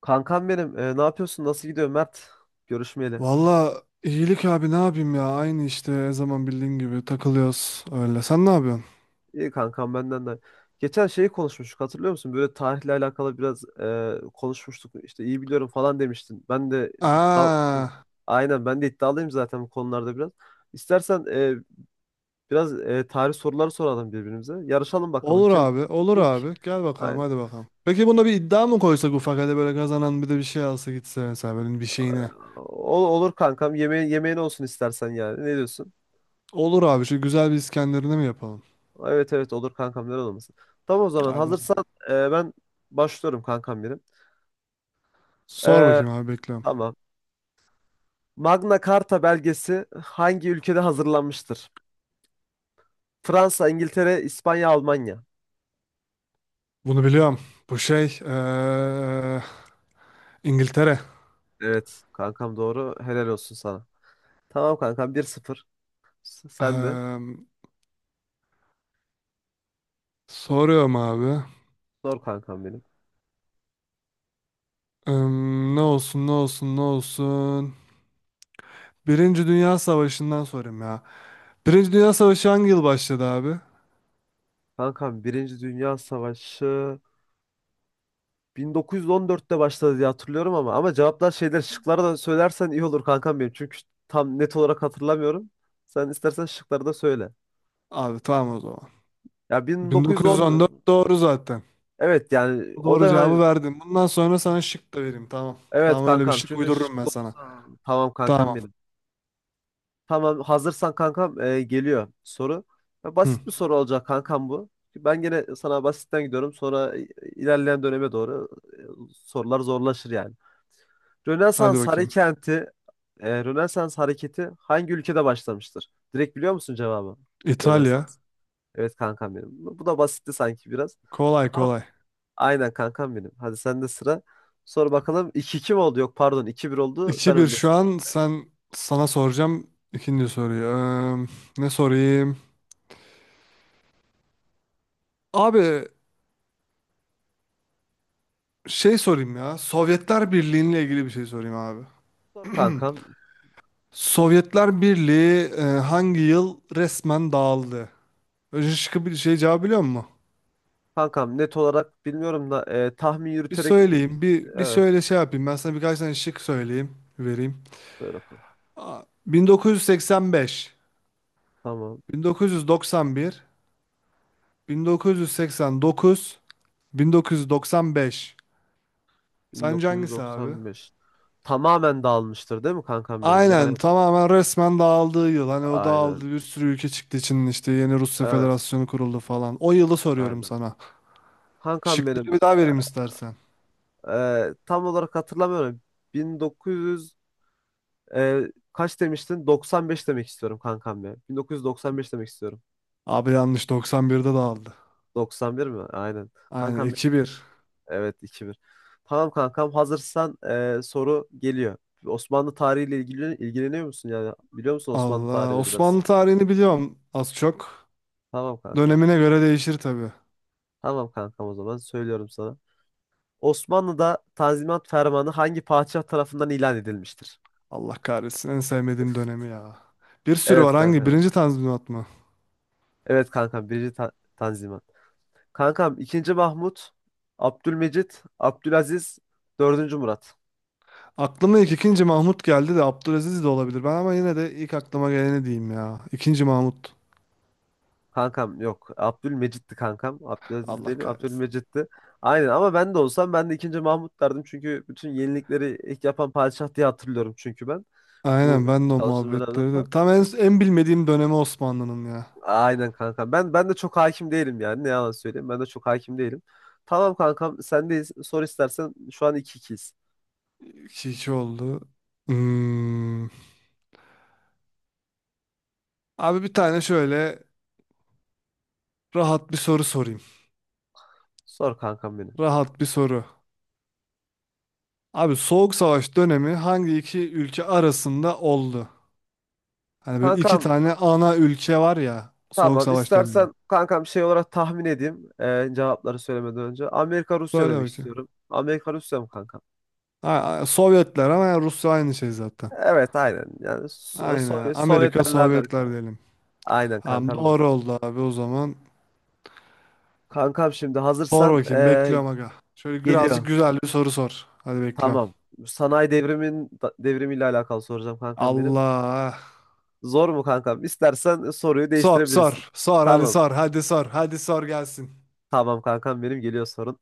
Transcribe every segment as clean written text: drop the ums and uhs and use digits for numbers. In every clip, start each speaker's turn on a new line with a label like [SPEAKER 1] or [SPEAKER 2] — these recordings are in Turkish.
[SPEAKER 1] Kankam benim, ne yapıyorsun? Nasıl gidiyor Mert? Görüşmeyeli.
[SPEAKER 2] Valla iyilik abi ne yapayım ya aynı işte her zaman bildiğin gibi takılıyoruz öyle. Sen ne yapıyorsun?
[SPEAKER 1] İyi kankam, benden de. Geçen şeyi konuşmuştuk, hatırlıyor musun? Böyle tarihle alakalı biraz konuşmuştuk. İşte iyi biliyorum falan demiştin. Ben de iddia e,
[SPEAKER 2] Aa,
[SPEAKER 1] Aynen, ben de iddialıyım zaten bu konularda biraz. İstersen biraz tarih soruları soralım birbirimize. Yarışalım bakalım
[SPEAKER 2] olur
[SPEAKER 1] kim
[SPEAKER 2] abi olur
[SPEAKER 1] ilk.
[SPEAKER 2] abi gel bakalım
[SPEAKER 1] Aynen.
[SPEAKER 2] hadi bakalım. Peki buna bir iddia mı koysak ufak hadi böyle kazanan bir de bir şey alsa gitse mesela böyle bir şeyine.
[SPEAKER 1] Olur kankam. Yemeğin olsun istersen yani. Ne diyorsun?
[SPEAKER 2] Olur abi şu güzel bir İskender'ini mi yapalım?
[SPEAKER 1] Evet, evet, olur kankam, neden olmasın. Tamam, o zaman
[SPEAKER 2] Hadi hocam.
[SPEAKER 1] hazırsan ben başlıyorum kankam benim.
[SPEAKER 2] Sor
[SPEAKER 1] Ee,
[SPEAKER 2] bakayım abi bekliyorum.
[SPEAKER 1] tamam. Magna Carta belgesi hangi ülkede hazırlanmıştır? Fransa, İngiltere, İspanya, Almanya.
[SPEAKER 2] Bunu biliyorum. Bu şey İngiltere.
[SPEAKER 1] Evet kankam, doğru. Helal olsun sana. Tamam kankam, 1-0. Sen de.
[SPEAKER 2] Eee, soruyorum abi.
[SPEAKER 1] Sor kankam benim.
[SPEAKER 2] Eee, ne olsun ne olsun ne olsun. Birinci Dünya Savaşı'ndan sorayım ya. Birinci Dünya Savaşı hangi yıl başladı abi?
[SPEAKER 1] Kankam, Birinci Dünya Savaşı 1914'te başladı diye hatırlıyorum ama cevaplar şeyler şıkları da söylersen iyi olur kankam benim. Çünkü tam net olarak hatırlamıyorum. Sen istersen şıkları da söyle.
[SPEAKER 2] Abi tamam o zaman.
[SPEAKER 1] Ya, 1910.
[SPEAKER 2] 1914 doğru zaten.
[SPEAKER 1] Evet, yani o
[SPEAKER 2] Doğru
[SPEAKER 1] da
[SPEAKER 2] cevabı
[SPEAKER 1] hani.
[SPEAKER 2] verdin. Bundan sonra sana şık da vereyim tamam.
[SPEAKER 1] Evet
[SPEAKER 2] Tamam öyle bir
[SPEAKER 1] kankam,
[SPEAKER 2] şık
[SPEAKER 1] çünkü
[SPEAKER 2] uydururum ben
[SPEAKER 1] şıklı.
[SPEAKER 2] sana.
[SPEAKER 1] Tamam kankam
[SPEAKER 2] Tamam.
[SPEAKER 1] benim. Tamam, hazırsan kankam, geliyor soru. Ya,
[SPEAKER 2] Hı,
[SPEAKER 1] basit bir soru olacak kankam bu. Ben gene sana basitten gidiyorum, sonra ilerleyen döneme doğru sorular zorlaşır yani.
[SPEAKER 2] hadi
[SPEAKER 1] Rönesans
[SPEAKER 2] bakayım.
[SPEAKER 1] hareketi Rönesans hareketi hangi ülkede başlamıştır? Direkt biliyor musun cevabı?
[SPEAKER 2] İtalya.
[SPEAKER 1] Rönesans. Evet kankam benim. Bu da basitti sanki biraz.
[SPEAKER 2] Kolay
[SPEAKER 1] Tamam.
[SPEAKER 2] kolay.
[SPEAKER 1] Aynen kankam benim. Hadi, sende sıra. Sor bakalım, 2-2 mi oldu? Yok pardon, 2-1 oldu. Sen
[SPEAKER 2] 2 bir şu
[SPEAKER 1] öndesin.
[SPEAKER 2] an sen sana soracağım ikinci soruyu. Ne sorayım? Abi şey sorayım ya. Sovyetler Birliği'yle ilgili bir şey sorayım abi.
[SPEAKER 1] Sor kankam.
[SPEAKER 2] Sovyetler Birliği hangi yıl resmen dağıldı? Önce şıkkı bir şey cevabı biliyor musun?
[SPEAKER 1] Kankam, net olarak bilmiyorum da tahmin
[SPEAKER 2] Bir
[SPEAKER 1] yürüterek,
[SPEAKER 2] söyleyeyim, bir
[SPEAKER 1] evet.
[SPEAKER 2] söyle şey yapayım. Ben sana birkaç tane şık söyleyeyim, vereyim.
[SPEAKER 1] Söyle kanka.
[SPEAKER 2] Aa, 1985,
[SPEAKER 1] Tamam.
[SPEAKER 2] 1991, 1989, 1995. Sence hangisi abi?
[SPEAKER 1] 1995. Tamamen dağılmıştır değil mi kankam benim?
[SPEAKER 2] Aynen
[SPEAKER 1] Yani
[SPEAKER 2] tamamen resmen dağıldığı yıl. Hani o
[SPEAKER 1] aynen.
[SPEAKER 2] dağıldı bir sürü ülke çıktı için işte yeni Rusya
[SPEAKER 1] Evet.
[SPEAKER 2] Federasyonu kuruldu falan. O yılı soruyorum
[SPEAKER 1] Aynen.
[SPEAKER 2] sana.
[SPEAKER 1] Kankam
[SPEAKER 2] Şıkları
[SPEAKER 1] benim,
[SPEAKER 2] bir daha vereyim istersen.
[SPEAKER 1] tam olarak hatırlamıyorum. 1900 e, kaç demiştin? 95 demek istiyorum kankam ya. 1995 demek istiyorum.
[SPEAKER 2] Abi yanlış 91'de de aldı.
[SPEAKER 1] Doksan bir mi? Aynen.
[SPEAKER 2] Aynen
[SPEAKER 1] Kankam,
[SPEAKER 2] 2-1.
[SPEAKER 1] evet, 2-1. Tamam kankam, hazırsan soru geliyor. Osmanlı tarihiyle ilgileniyor musun yani? Biliyor musun Osmanlı
[SPEAKER 2] Allah.
[SPEAKER 1] tarihini biraz?
[SPEAKER 2] Osmanlı tarihini biliyorum az çok.
[SPEAKER 1] Tamam kankam.
[SPEAKER 2] Dönemine göre değişir tabii.
[SPEAKER 1] Tamam kankam, o zaman söylüyorum sana. Osmanlı'da Tanzimat Fermanı hangi padişah tarafından ilan edilmiştir?
[SPEAKER 2] Allah kahretsin en sevmediğim dönemi ya. Bir sürü
[SPEAKER 1] Evet
[SPEAKER 2] var hangi?
[SPEAKER 1] kankam.
[SPEAKER 2] Birinci Tanzimat mı?
[SPEAKER 1] Evet kankam, birinci Tanzimat. Kankam, II. Mahmut, Abdülmecit, Abdülaziz, IV. Murat.
[SPEAKER 2] Aklıma ilk ikinci Mahmut geldi de Abdülaziz de olabilir. Ben ama yine de ilk aklıma geleni diyeyim ya. İkinci Mahmut.
[SPEAKER 1] Kankam yok. Abdülmecit'ti kankam. Abdülaziz
[SPEAKER 2] Allah
[SPEAKER 1] değilim.
[SPEAKER 2] kahretsin.
[SPEAKER 1] Abdülmecit'ti. Aynen, ama ben de olsam ben de II. Mahmut derdim. Çünkü bütün yenilikleri ilk yapan padişah diye hatırlıyorum çünkü ben. Bu
[SPEAKER 2] Aynen ben de o
[SPEAKER 1] çalıştığım dönemde
[SPEAKER 2] muhabbetleri
[SPEAKER 1] falan.
[SPEAKER 2] de. Tam en bilmediğim dönemi Osmanlı'nın ya.
[SPEAKER 1] Aynen kankam. Ben de çok hakim değilim yani. Ne yalan söyleyeyim. Ben de çok hakim değilim. Tamam kankam, sendeyiz. Sor istersen. Şu an 2-2'yiz.
[SPEAKER 2] 2-2 oldu. Hmm. Abi bir tane şöyle rahat bir soru sorayım.
[SPEAKER 1] Sor kankam benim.
[SPEAKER 2] Rahat bir soru. Abi Soğuk Savaş dönemi hangi iki ülke arasında oldu? Hani böyle iki
[SPEAKER 1] Kankam,
[SPEAKER 2] tane ana ülke var ya Soğuk
[SPEAKER 1] tamam.
[SPEAKER 2] Savaş dönemi.
[SPEAKER 1] istersen kankam, şey olarak tahmin edeyim. Cevapları söylemeden önce. Amerika Rusya
[SPEAKER 2] Söyle
[SPEAKER 1] demek
[SPEAKER 2] bakayım.
[SPEAKER 1] istiyorum. Amerika Rusya mı kankam?
[SPEAKER 2] Ha, Sovyetler ama yani Rusya aynı şey zaten.
[SPEAKER 1] Evet, aynen. Yani
[SPEAKER 2] Aynen. Amerika
[SPEAKER 1] Sovyetlerle
[SPEAKER 2] Sovyetler
[SPEAKER 1] Amerika.
[SPEAKER 2] diyelim.
[SPEAKER 1] Aynen
[SPEAKER 2] Tamam
[SPEAKER 1] kankam benim.
[SPEAKER 2] doğru oldu abi o zaman.
[SPEAKER 1] Kankam şimdi
[SPEAKER 2] Sor
[SPEAKER 1] hazırsan,
[SPEAKER 2] bakayım bekliyorum aga. Şöyle birazcık
[SPEAKER 1] geliyor.
[SPEAKER 2] güzel bir soru sor. Hadi bekliyorum.
[SPEAKER 1] Tamam. Sanayi devrimiyle alakalı soracağım kankam benim.
[SPEAKER 2] Allah.
[SPEAKER 1] Zor mu kankam? İstersen soruyu
[SPEAKER 2] Sor
[SPEAKER 1] değiştirebilirsin.
[SPEAKER 2] sor. Sor hadi
[SPEAKER 1] Tamam.
[SPEAKER 2] sor. Hadi sor. Hadi sor gelsin.
[SPEAKER 1] Tamam kankam benim, geliyor sorun.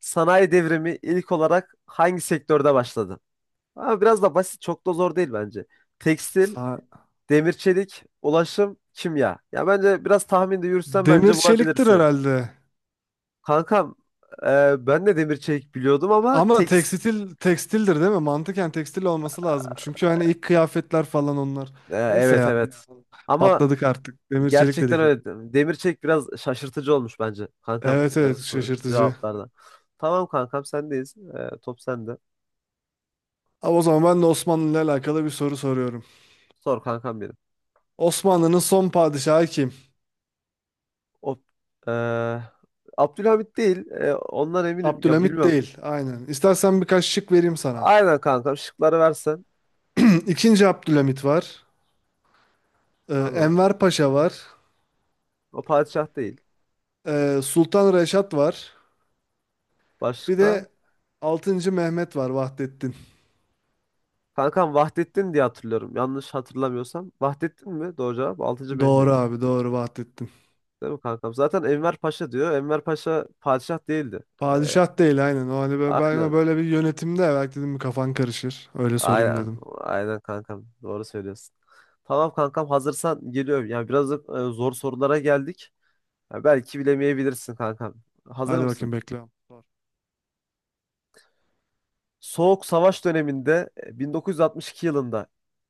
[SPEAKER 1] Sanayi devrimi ilk olarak hangi sektörde başladı? Ama biraz da basit, çok da zor değil bence. Tekstil,
[SPEAKER 2] Sa-
[SPEAKER 1] demir çelik, ulaşım, kimya. Ya bence biraz tahminde yürütsen
[SPEAKER 2] Demir
[SPEAKER 1] bence
[SPEAKER 2] çeliktir
[SPEAKER 1] bulabilirsin.
[SPEAKER 2] herhalde.
[SPEAKER 1] Kankam, ben de demir çelik biliyordum ama
[SPEAKER 2] Ama tekstil tekstildir değil mi? Mantıken tekstil olması lazım. Çünkü hani ilk kıyafetler falan onlar. Neyse
[SPEAKER 1] evet,
[SPEAKER 2] ya
[SPEAKER 1] evet. Ama
[SPEAKER 2] patladık artık. Demir çelik
[SPEAKER 1] gerçekten
[SPEAKER 2] dedik.
[SPEAKER 1] öyle. Demir çelik biraz şaşırtıcı olmuş bence kankam,
[SPEAKER 2] Evet evet şaşırtıcı.
[SPEAKER 1] cevaplarda. Tamam kankam, sendeyiz. Top sende.
[SPEAKER 2] Ama o zaman ben de Osmanlı ile alakalı bir soru soruyorum.
[SPEAKER 1] Sor kankam benim.
[SPEAKER 2] Osmanlı'nın son padişahı kim?
[SPEAKER 1] O, e, Abdülhamit değil. Ondan eminim. Ya,
[SPEAKER 2] Abdülhamit
[SPEAKER 1] bilmiyorum.
[SPEAKER 2] değil. Aynen. İstersen birkaç şık vereyim sana.
[SPEAKER 1] Aynen kankam, şıkları versen.
[SPEAKER 2] İkinci Abdülhamit var.
[SPEAKER 1] Tamam.
[SPEAKER 2] Enver Paşa var.
[SPEAKER 1] O padişah değil.
[SPEAKER 2] Sultan Reşat var. Bir
[SPEAKER 1] Başka?
[SPEAKER 2] de altıncı Mehmet var Vahdettin.
[SPEAKER 1] Kankam, Vahdettin diye hatırlıyorum. Yanlış hatırlamıyorsam. Vahdettin mi? Doğru cevap. Altıncı
[SPEAKER 2] Doğru
[SPEAKER 1] Mehmet.
[SPEAKER 2] abi doğru Vahdettin.
[SPEAKER 1] Değil mi kankam? Zaten Enver Paşa diyor. Enver Paşa padişah değildi. Ee,
[SPEAKER 2] Padişah değil aynen. O hani ben
[SPEAKER 1] aynen.
[SPEAKER 2] böyle bir yönetimde belki dedim kafan karışır. Öyle sorayım
[SPEAKER 1] Aynen.
[SPEAKER 2] dedim.
[SPEAKER 1] Aynen kankam. Doğru söylüyorsun. Tamam kankam, hazırsan geliyorum. Yani biraz da, zor sorulara geldik. Ya, belki bilemeyebilirsin kankam. Hazır
[SPEAKER 2] Hadi bakayım
[SPEAKER 1] mısın?
[SPEAKER 2] bekliyorum. Sor.
[SPEAKER 1] Soğuk Savaş döneminde, 1962 yılında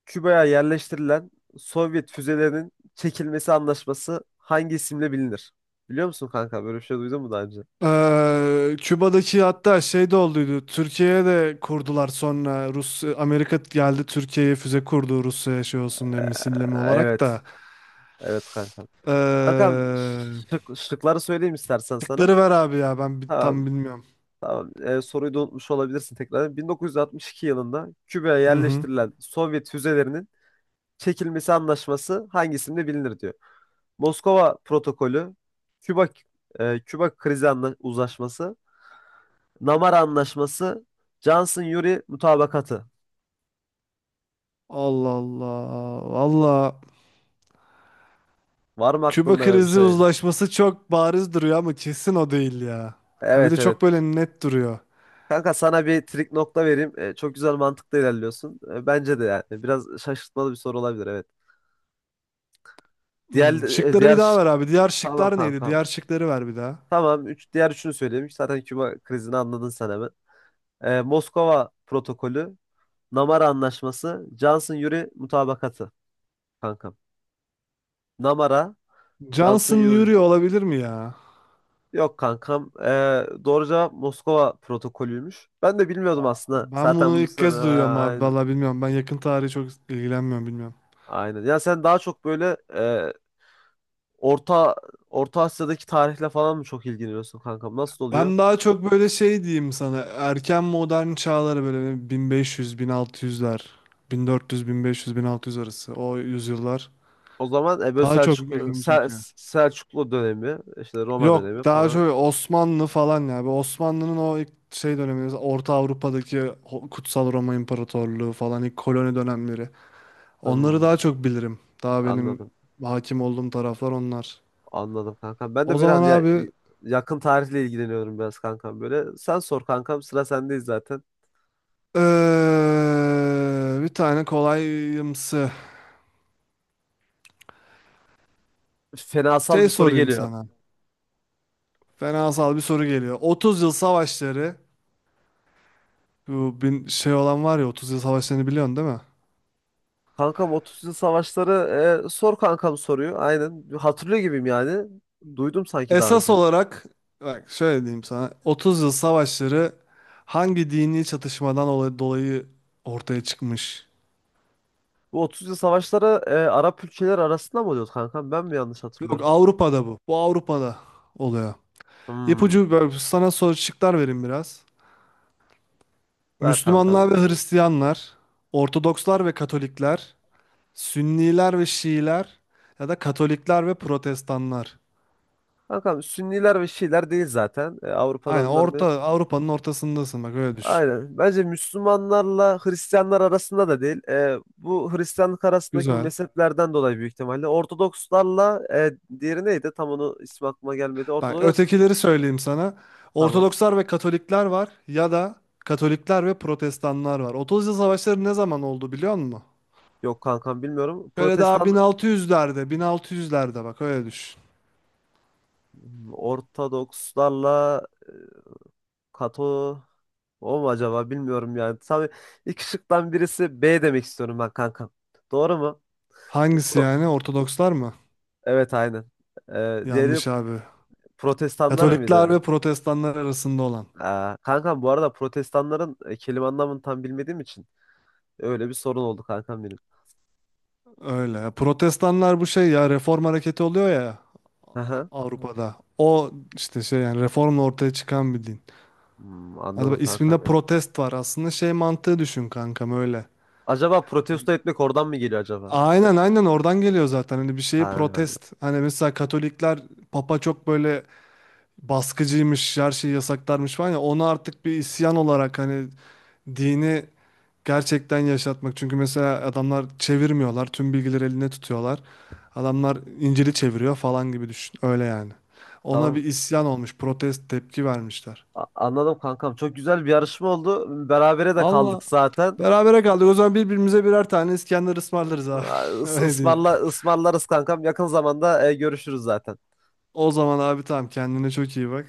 [SPEAKER 1] Küba'ya yerleştirilen Sovyet füzelerinin çekilmesi anlaşması hangi isimle bilinir? Biliyor musun kanka? Böyle bir şey duydun mu daha önce?
[SPEAKER 2] Küba'daki hatta şey de olduydu. Türkiye'ye de kurdular sonra. Rus Amerika geldi Türkiye'ye füze kurdu Rusya'ya şey
[SPEAKER 1] Ee,
[SPEAKER 2] olsun diye misilleme olarak
[SPEAKER 1] evet.
[SPEAKER 2] da.
[SPEAKER 1] Evet kanka. Kankam,
[SPEAKER 2] Ee,
[SPEAKER 1] şıkları söyleyeyim istersen sana.
[SPEAKER 2] şıkları ver abi ya ben
[SPEAKER 1] Tamam,
[SPEAKER 2] tam bilmiyorum.
[SPEAKER 1] tamam. Soruyu da unutmuş olabilirsin tekrar. 1962 yılında Küba'ya
[SPEAKER 2] Hı hı.
[SPEAKER 1] yerleştirilen Sovyet füzelerinin çekilmesi anlaşması hangisinde bilinir diyor. Moskova Protokolü, Küba Küba Krizi Uzlaşması, Namara Anlaşması, Johnson-Yuri Mutabakatı.
[SPEAKER 2] Allah Allah. Valla
[SPEAKER 1] Var mı
[SPEAKER 2] Küba
[SPEAKER 1] aklında ya bir
[SPEAKER 2] krizi
[SPEAKER 1] şey?
[SPEAKER 2] uzlaşması çok bariz duruyor ama kesin o değil ya. Ha bir de
[SPEAKER 1] Evet, evet.
[SPEAKER 2] çok böyle net duruyor.
[SPEAKER 1] Kanka, sana bir trik nokta vereyim. Çok güzel mantıkla ilerliyorsun. Bence de yani biraz şaşırtmalı bir soru olabilir, evet. Diğer
[SPEAKER 2] Hmm,
[SPEAKER 1] e,
[SPEAKER 2] şıkları bir
[SPEAKER 1] diğer
[SPEAKER 2] daha ver abi. Diğer
[SPEAKER 1] Tamam
[SPEAKER 2] şıklar neydi?
[SPEAKER 1] kankam.
[SPEAKER 2] Diğer şıkları ver bir daha.
[SPEAKER 1] Tamam, diğer üçünü söyleyeyim. Zaten Küba krizini anladın sen hemen. Moskova protokolü, Namara Anlaşması, Johnson-Yuri mutabakatı kankam. Namara,
[SPEAKER 2] Johnson
[SPEAKER 1] Johnson-Yuri
[SPEAKER 2] Nuri olabilir mi ya?
[SPEAKER 1] Yok kankam. Doğru cevap Moskova protokolüymüş. Ben de bilmiyordum aslında.
[SPEAKER 2] Ben bunu
[SPEAKER 1] Zaten bu
[SPEAKER 2] ilk
[SPEAKER 1] soru,
[SPEAKER 2] kez duyuyorum
[SPEAKER 1] ha,
[SPEAKER 2] abi.
[SPEAKER 1] aynen.
[SPEAKER 2] Vallahi bilmiyorum. Ben yakın tarihi çok ilgilenmiyorum bilmiyorum.
[SPEAKER 1] Aynen. Ya sen daha çok böyle, Orta Orta Asya'daki tarihle falan mı çok ilgileniyorsun kankam? Nasıl oluyor?
[SPEAKER 2] Ben daha çok böyle şey diyeyim sana. Erken modern çağları böyle 1500, 1600'ler. 1400, 1500, 1600 arası. O yüzyıllar.
[SPEAKER 1] O zaman böyle
[SPEAKER 2] Daha çok ilgimi çekiyor.
[SPEAKER 1] Selçuklu dönemi, işte Roma
[SPEAKER 2] Yok
[SPEAKER 1] dönemi
[SPEAKER 2] daha
[SPEAKER 1] falan.
[SPEAKER 2] çok Osmanlı falan ya. Bu Osmanlı'nın o ilk şey dönemi. Orta Avrupa'daki Kutsal Roma İmparatorluğu falan ilk koloni dönemleri. Onları
[SPEAKER 1] Hmm,
[SPEAKER 2] daha çok bilirim. Daha benim
[SPEAKER 1] anladım.
[SPEAKER 2] hakim olduğum taraflar onlar.
[SPEAKER 1] Anladım kankam. Ben de
[SPEAKER 2] O
[SPEAKER 1] böyle
[SPEAKER 2] zaman
[SPEAKER 1] hani,
[SPEAKER 2] abi
[SPEAKER 1] yakın tarihle ilgileniyorum biraz kankam böyle. Sen sor kankam, sıra sendeyiz zaten.
[SPEAKER 2] bir tane kolayımsı
[SPEAKER 1] Fenasal
[SPEAKER 2] şey
[SPEAKER 1] bir soru
[SPEAKER 2] sorayım
[SPEAKER 1] geliyor.
[SPEAKER 2] sana. Fenasal bir soru geliyor. 30 yıl savaşları bu bin şey olan var ya 30 yıl savaşlarını biliyorsun değil mi?
[SPEAKER 1] Kankam, 30 yıl savaşları. Sor kankam, soruyor. Aynen. Hatırlıyor gibiyim yani. Duydum sanki daha
[SPEAKER 2] Esas
[SPEAKER 1] önce.
[SPEAKER 2] olarak bak şöyle diyeyim sana. 30 yıl savaşları hangi dini çatışmadan dolayı ortaya çıkmış?
[SPEAKER 1] Bu 30 yıl savaşları Arap ülkeleri arasında mı oluyordu kankam? Ben mi yanlış
[SPEAKER 2] Yok
[SPEAKER 1] hatırlıyorum?
[SPEAKER 2] Avrupa'da bu. Bu Avrupa'da oluyor.
[SPEAKER 1] Hmm.
[SPEAKER 2] İpucu böyle sana soru şıklar vereyim biraz.
[SPEAKER 1] Ver kankam.
[SPEAKER 2] Müslümanlar ve Hristiyanlar, Ortodokslar ve Katolikler, Sünniler ve Şiiler ya da Katolikler ve Protestanlar.
[SPEAKER 1] Kankam, Sünniler ve Şiiler değil zaten. Avrupa'da
[SPEAKER 2] Aynen
[SPEAKER 1] bunlar değil.
[SPEAKER 2] orta Avrupa'nın ortasındasın bak öyle düşün.
[SPEAKER 1] Aynen. Bence Müslümanlarla Hristiyanlar arasında da değil. Bu Hristiyanlık arasındaki bu
[SPEAKER 2] Güzel.
[SPEAKER 1] mezheplerden dolayı büyük ihtimalle. Ortodokslarla, diğeri neydi? Tam onu ismi aklıma gelmedi.
[SPEAKER 2] Bak
[SPEAKER 1] Ortodoks.
[SPEAKER 2] ötekileri söyleyeyim sana.
[SPEAKER 1] Tamam.
[SPEAKER 2] Ortodokslar ve Katolikler var ya da Katolikler ve Protestanlar var. 30 yıl savaşları ne zaman oldu biliyor musun?
[SPEAKER 1] Yok kankam, bilmiyorum.
[SPEAKER 2] Böyle daha
[SPEAKER 1] Protestan.
[SPEAKER 2] 1600'lerde, 1600'lerde bak öyle düşün.
[SPEAKER 1] Hmm, Ortodokslarla Kato, o mu acaba, bilmiyorum yani. Tabii, iki şıktan birisi B demek istiyorum ben kankam. Doğru mu?
[SPEAKER 2] Hangisi
[SPEAKER 1] Pro-
[SPEAKER 2] yani? Ortodokslar mı?
[SPEAKER 1] Evet, aynen. Diğeri
[SPEAKER 2] Yanlış abi.
[SPEAKER 1] Protestanlar
[SPEAKER 2] Katolikler
[SPEAKER 1] mıydı?
[SPEAKER 2] ve Protestanlar arasında olan.
[SPEAKER 1] Aa, kankam, bu arada protestanların kelime anlamını tam bilmediğim için öyle bir sorun oldu kankam benim.
[SPEAKER 2] Öyle. Protestanlar bu şey ya reform hareketi oluyor ya
[SPEAKER 1] Aha.
[SPEAKER 2] Avrupa'da. O işte şey yani reformla ortaya çıkan bir din.
[SPEAKER 1] Hmm,
[SPEAKER 2] Hadi
[SPEAKER 1] anladım
[SPEAKER 2] bak
[SPEAKER 1] kankam
[SPEAKER 2] isminde
[SPEAKER 1] benim.
[SPEAKER 2] protest var aslında şey mantığı düşün kankam öyle.
[SPEAKER 1] Acaba protesto etmek oradan mı geliyor acaba?
[SPEAKER 2] Aynen aynen oradan geliyor zaten. Hani bir şeyi
[SPEAKER 1] Ha,
[SPEAKER 2] protest. Hani mesela Katolikler Papa çok böyle baskıcıymış, her şeyi yasaklarmış falan ya onu artık bir isyan olarak hani dini gerçekten yaşatmak. Çünkü mesela adamlar çevirmiyorlar, tüm bilgileri eline tutuyorlar. Adamlar İncil'i çeviriyor falan gibi düşün. Öyle yani. Ona
[SPEAKER 1] tamam.
[SPEAKER 2] bir isyan olmuş, protest tepki vermişler.
[SPEAKER 1] Anladım kankam. Çok güzel bir yarışma oldu. Berabere de
[SPEAKER 2] Allah.
[SPEAKER 1] kaldık zaten.
[SPEAKER 2] Berabere kaldık. O zaman birbirimize birer tane İskender ısmarlarız abi.
[SPEAKER 1] Aa, Is
[SPEAKER 2] Öyle diyeyim.
[SPEAKER 1] ısmarla ısmarlarız kankam. Yakın zamanda görüşürüz zaten.
[SPEAKER 2] O zaman abi tamam kendine çok iyi bak.